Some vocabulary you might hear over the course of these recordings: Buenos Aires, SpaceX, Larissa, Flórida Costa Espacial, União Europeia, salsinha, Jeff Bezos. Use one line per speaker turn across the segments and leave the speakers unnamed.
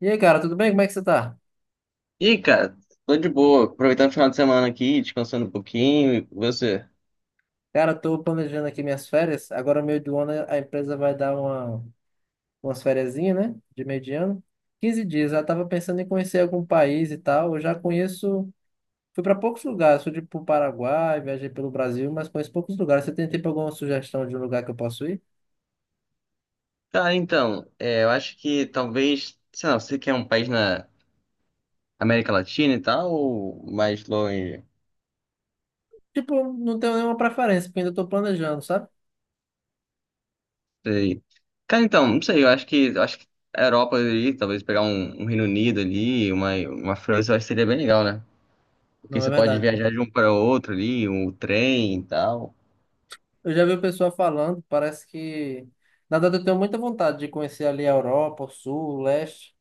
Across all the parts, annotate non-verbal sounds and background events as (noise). E aí, cara, tudo bem? Como é que você tá?
Ih, cara, tô de boa, aproveitando o final de semana aqui, descansando um pouquinho, e você?
Cara, eu tô planejando aqui minhas férias. Agora, meio do ano, a empresa vai dar umas fériasinha, né? De meio de ano. 15 dias. Eu tava pensando em conhecer algum país e tal. Eu já conheço... Fui para poucos lugares. Fui, tipo, pro Paraguai, viajei pelo Brasil, mas conheço poucos lugares. Você tem, tipo, alguma sugestão de um lugar que eu posso ir?
Cara, então, é, eu acho que talvez, sei lá, você quer um país na América Latina e tal, ou mais longe?
Tipo, não tenho nenhuma preferência, porque ainda tô planejando, sabe?
Sei. Cara, então, não sei, eu acho que a Europa ali, talvez pegar um Reino Unido ali, uma França, eu acho que seria bem legal, né? Porque
Não, é
você pode
verdade.
viajar de um para outro ali, um trem e tal.
Eu já vi o pessoal falando, parece que... Na verdade, eu tenho muita vontade de conhecer ali a Europa, o Sul, o Leste.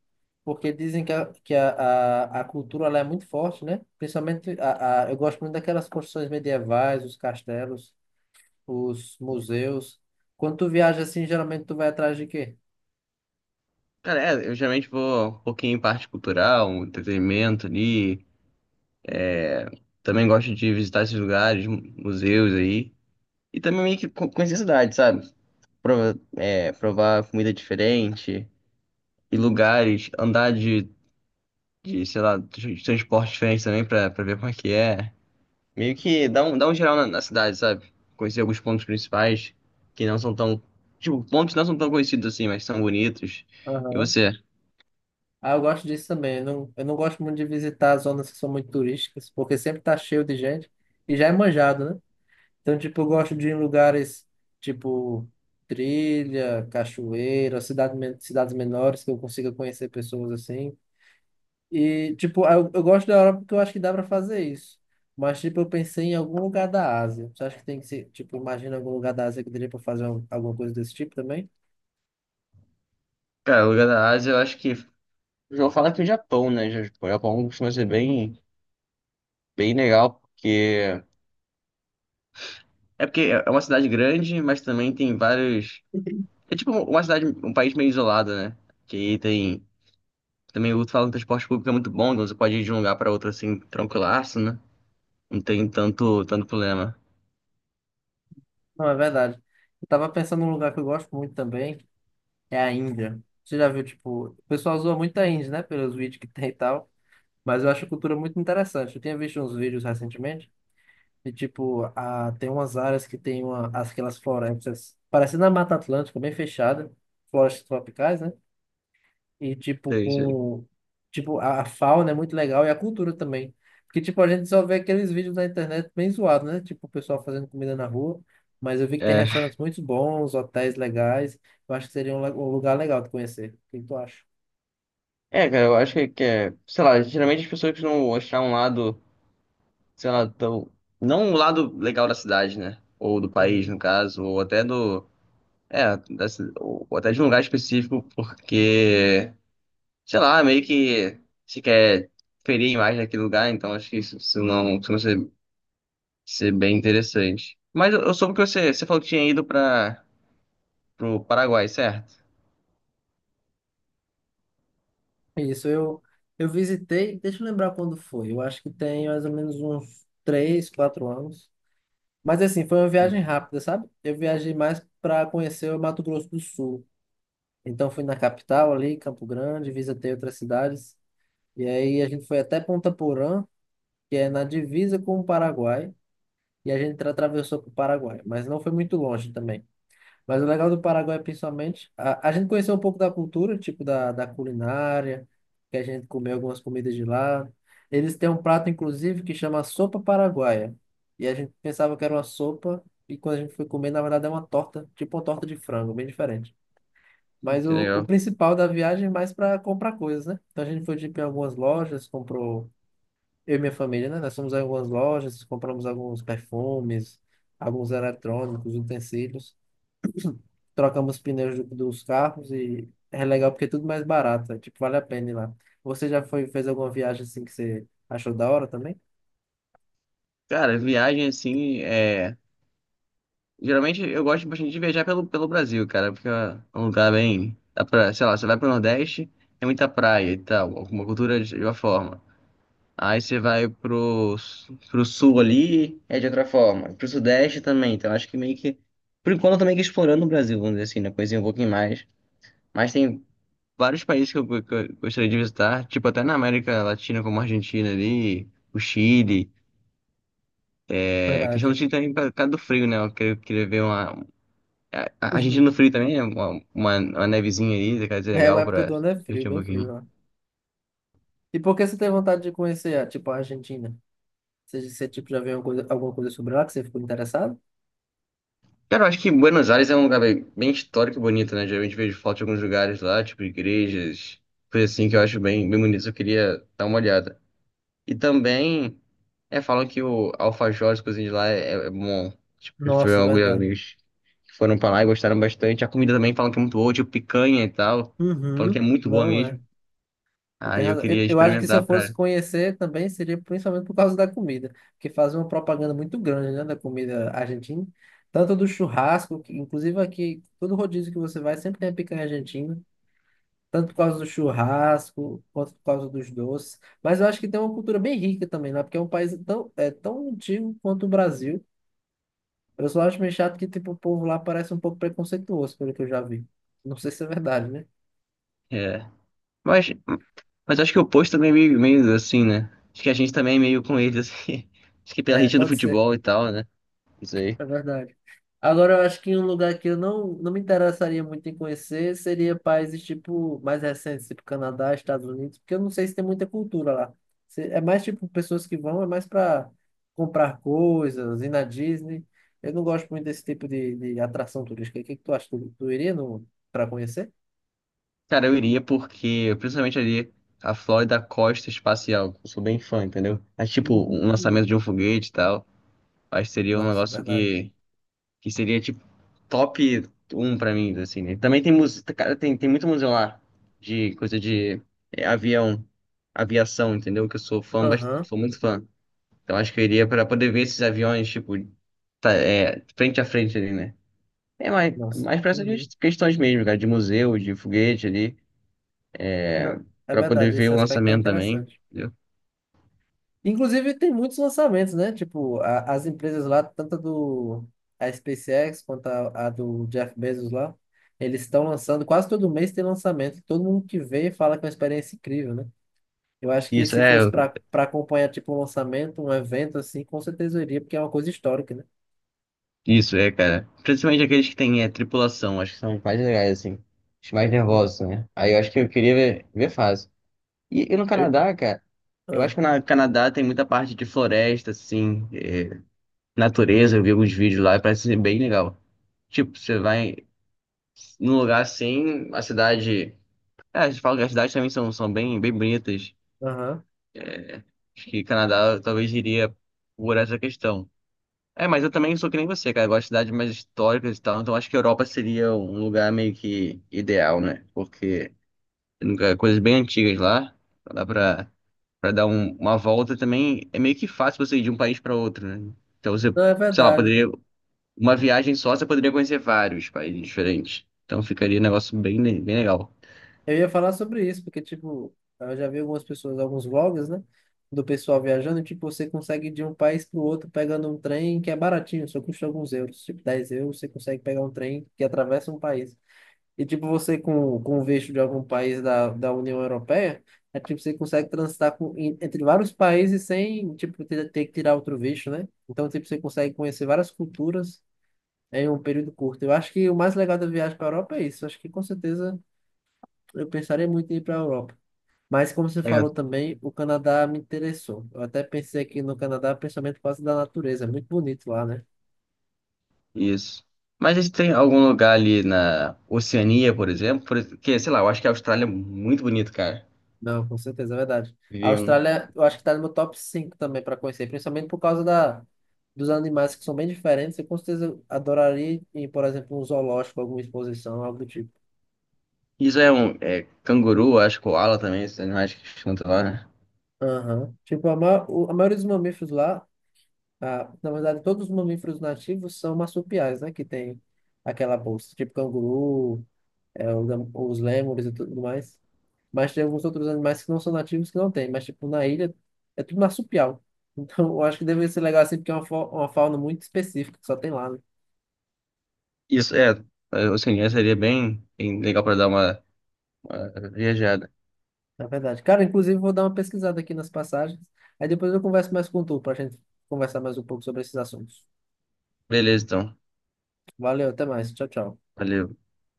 Porque dizem que a cultura ela é muito forte, né? Principalmente, eu gosto muito daquelas construções medievais, os castelos, os museus. Quando tu viaja assim, geralmente tu vai atrás de quê?
Cara, é, eu geralmente vou um pouquinho em parte cultural, um entretenimento ali. Também gosto de visitar esses lugares, museus aí. E também meio que conhecer a cidade, sabe? Provar comida diferente e lugares, andar de, sei lá, de transporte diferente também pra ver como é que é. Meio que dá um geral na cidade, sabe? Conhecer alguns pontos principais que não são tão. Tipo, pontos não são tão conhecidos assim, mas são bonitos. E
Aham.
você?
Ah, eu gosto disso também. Eu não gosto muito de visitar zonas que são muito turísticas, porque sempre tá cheio de gente e já é manjado, né? Então, tipo, eu gosto de ir em lugares tipo trilha, cachoeira, cidades menores que eu consiga conhecer pessoas assim. E, tipo, eu gosto da Europa porque eu acho que dá pra fazer isso. Mas, tipo, eu pensei em algum lugar da Ásia. Você acha que tem que ser, tipo, imagina algum lugar da Ásia que daria pra fazer alguma coisa desse tipo também?
Cara, o lugar da Ásia, eu acho que. Eu vou falar que o Japão, né? O Japão costuma ser bem, bem legal, porque. É porque é uma cidade grande, mas também tem vários. É tipo uma cidade, um país meio isolado, né? Que aí tem. Também o fala que o transporte público é muito bom, então você pode ir de um lugar para outro assim, tranquilaço, né? Não tem tanto problema.
Não, é verdade. Eu tava pensando num lugar que eu gosto muito também, é a Índia. Você já viu, tipo, o pessoal zoa muito a Índia, né, pelos (laughs) vídeos que tem e tal. Mas eu acho a cultura muito interessante. Eu tinha visto uns vídeos recentemente e, tipo, tem umas áreas que tem uma, aquelas florestas, parecendo a Mata Atlântica, bem fechada, florestas tropicais, né? E, tipo,
Sei, sei.
com... Tipo, a fauna é muito legal e a cultura também. Porque, tipo, a gente só vê aqueles vídeos na internet bem zoados, né? Tipo, o pessoal fazendo comida na rua. Mas eu vi que tem
É,
restaurantes muito bons, hotéis legais. Eu acho que seria um lugar legal de conhecer. O que tu acha?
é, cara, eu acho que é. Sei lá, geralmente as pessoas não achar um lado, sei lá, tão. Não um lado legal da cidade, né? Ou do país,
Uhum.
no caso, ou até do. É, ou até de um lugar específico, porque, sei lá, meio que se quer ferir a imagem daquele lugar, então acho que isso não costuma ser, ser bem interessante. Mas eu soube que você falou que tinha ido para pro Paraguai, certo?
Isso, eu visitei, deixa eu lembrar quando foi. Eu acho que tem mais ou menos uns 3, 4 anos. Mas assim, foi uma viagem
Hum.
rápida, sabe? Eu viajei mais para conhecer o Mato Grosso do Sul. Então fui na capital ali, Campo Grande, visitei outras cidades. E aí a gente foi até Ponta Porã, que é na divisa com o Paraguai, e a gente atravessou para o Paraguai, mas não foi muito longe também. Mas o legal do Paraguai, principalmente, a gente conheceu um pouco da cultura, tipo da culinária, que a gente comeu algumas comidas de lá. Eles têm um prato, inclusive, que chama sopa paraguaia. E a gente pensava que era uma sopa, e quando a gente foi comer, na verdade é uma torta, tipo uma torta de frango, bem diferente. Mas
Que
o
legal.
principal da viagem é mais para comprar coisas, né? Então a gente foi tipo, em algumas lojas, comprou, eu e minha família, né? Nós fomos em algumas lojas, compramos alguns perfumes, alguns eletrônicos, utensílios, trocamos pneus dos carros e é legal porque é tudo mais barato, é, tipo, vale a pena ir lá. Você já foi, fez alguma viagem assim que você achou da hora também?
Cara, viagem assim, é... Geralmente eu gosto bastante de viajar pelo Brasil, cara, porque é um lugar bem... Dá pra, sei lá, você vai pro Nordeste, é muita praia e tal, alguma cultura de uma forma. Aí você vai pro sul ali, é de outra forma. Pro sudeste também. Então acho que meio que. Por enquanto eu tô meio que explorando o Brasil, vamos dizer assim, né? Conheci um pouquinho mais. Mas tem vários países que eu gostaria de visitar, tipo até na América Latina, como a Argentina ali, o Chile. É, a questão do
Verdade.
Chile
(laughs)
também por causa do frio, né? Eu queria ver uma. A Argentina
Uhum.
no frio também, né? Uma nevezinha ali, deve ser
É, uma
legal
época
pra
do
se
ano é frio,
divertir um
bem frio,
pouquinho.
ó. E por que você tem vontade de conhecer, ah, tipo, a Argentina? Você tipo, já viu alguma coisa sobre ela que você ficou interessado?
Cara, eu acho que Buenos Aires é um lugar bem, bem histórico e bonito, né? Geralmente vejo foto de alguns lugares lá, tipo igrejas, coisa assim que eu acho bem, bem bonito. Eu queria dar uma olhada. E também, é, falam que o alfajor, as coisinhas de lá é bom. Tipo, foi
Nossa,
algo
verdade.
amigos que foram pra lá e gostaram bastante. A comida também falam que é muito boa, tipo picanha e tal. Falam que
Uhum.
é muito boa
Não é.
mesmo.
Você tem
Aí eu
razão.
queria
Eu acho que se
experimentar
eu fosse
pra.
conhecer também seria principalmente por causa da comida, porque fazem uma propaganda muito grande, né, da comida argentina, tanto do churrasco, que, inclusive aqui, todo rodízio que você vai sempre tem a picanha argentina, tanto por causa do churrasco, quanto por causa dos doces. Mas eu acho que tem uma cultura bem rica também lá, porque é um país tão, é, tão antigo quanto o Brasil. Eu só acho meio chato que tipo, o povo lá parece um pouco preconceituoso, pelo que eu já vi. Não sei se é verdade, né?
É. Mas, mas acho que o posto também é meio assim, né? Acho que a gente também é meio com eles, assim. (laughs) Acho que pela
É,
rixa do
pode ser.
futebol e tal, né? Isso.
É verdade. Agora, eu acho que um lugar que eu não me interessaria muito em conhecer seria países tipo mais recentes, tipo Canadá, Estados Unidos, porque eu não sei se tem muita cultura lá. É mais tipo pessoas que vão, é mais para comprar coisas, ir na Disney. Eu não gosto muito desse tipo de atração turística. O que que tu acha? Tu iria no, para conhecer?
Cara, eu iria porque, principalmente ali, a Flórida Costa Espacial. Eu sou bem fã, entendeu? Mas, tipo, um
Hum.
lançamento de um foguete e tal, acho que seria um
Nossa, é
negócio
verdade.
que seria, tipo, top um pra mim, assim, né? Também tem música, cara, tem muito museu lá de coisa de é, avião, aviação, entendeu? Que eu sou fã,
Aham,
sou muito fã. Então, acho que eu iria pra poder ver esses aviões, tipo, tá, é, frente a frente ali, né? É
nossa.
mais pra essas
Uhum.
questões mesmo, cara, de museu, de foguete ali. É,
Não, é
pra poder
verdade,
ver
esse
o
aspecto é
lançamento também.
interessante.
Entendeu?
Inclusive, tem muitos lançamentos, né? Tipo, as empresas lá, tanto a SpaceX quanto a do Jeff Bezos lá, eles estão lançando, quase todo mês tem lançamento. Todo mundo que vê fala que é uma experiência incrível, né? Eu acho que
Isso
se
é,
fosse para acompanhar, tipo, um lançamento, um evento assim, com certeza eu iria, porque é uma coisa histórica, né?
isso é, cara. Principalmente aqueles que têm é, tripulação, acho que são os mais legais, assim. Os mais
Uhum.
nervosos, né? Aí eu acho que eu queria ver fácil. E no
Eu...
Canadá, cara, eu
Ah,
acho que no Canadá tem muita parte de floresta, assim, é, natureza. Eu vi alguns vídeos lá e parece ser bem legal. Tipo, você vai num lugar assim, a cidade. É, eles falam que as cidades também são bem, bem bonitas.
aham.
Acho que Canadá talvez iria por essa questão. É, mas eu também sou que nem você, cara. Eu gosto de cidades mais históricas e tal. Então acho que a Europa seria um lugar meio que ideal, né? Porque tem coisas bem antigas lá. Então dá pra dar uma volta também. É meio que fácil você ir de um país pra outro, né? Então você,
Não, é
sei lá,
verdade.
poderia. Uma viagem só, você poderia conhecer vários países diferentes. Então ficaria um negócio bem, bem legal.
Eu ia falar sobre isso, porque, tipo, eu já vi algumas pessoas, alguns vlogs, né? Do pessoal viajando, e, tipo, você consegue ir de um país para o outro pegando um trem que é baratinho, só custa alguns euros, tipo 10 euros, você consegue pegar um trem que atravessa um país. E, tipo, você com o visto de algum país da União Europeia, é tipo, você consegue transitar com, entre vários países sem, tipo, ter que tirar outro visto, né? Então, tipo, você consegue conhecer várias culturas em um período curto. Eu acho que o mais legal da viagem para a Europa é isso. Eu acho que, com certeza, eu pensaria muito em ir para a Europa. Mas como você
É,
falou também, o Canadá me interessou. Eu até pensei aqui no Canadá, principalmente por causa da natureza. É muito bonito lá, né?
isso. Mas se tem algum lugar ali na Oceania, por exemplo, porque, sei lá, eu acho que a Austrália é muito bonito, cara.
Não, com certeza, é verdade. A
Viver um.
Austrália, eu acho que está no meu top 5 também para conhecer, principalmente por causa da, dos animais que são bem diferentes. Eu com certeza adoraria ir, por exemplo, um zoológico, alguma exposição, algo do tipo.
Isso é um é, canguru, acho, koala também, esses animais que cantam lá, né?
Aham. Tipo, a maioria dos mamíferos lá, ah, na verdade, todos os mamíferos nativos são marsupiais, né? Que tem aquela bolsa, tipo canguru, é, os lêmures e tudo mais. Mas tem alguns outros animais que não são nativos que não tem. Mas, tipo, na ilha é tudo marsupial. (laughs) Então, eu acho que deve ser legal assim, porque é uma, uma fauna muito específica que só tem lá, né?
Isso é, é, assim, seria bem, bem legal para dar uma viajada.
Na verdade. Cara, inclusive, vou dar uma pesquisada aqui nas passagens. Aí depois eu converso mais com tu, pra gente conversar mais um pouco sobre esses assuntos.
Beleza, então.
Valeu, até mais. Tchau, tchau.
Valeu.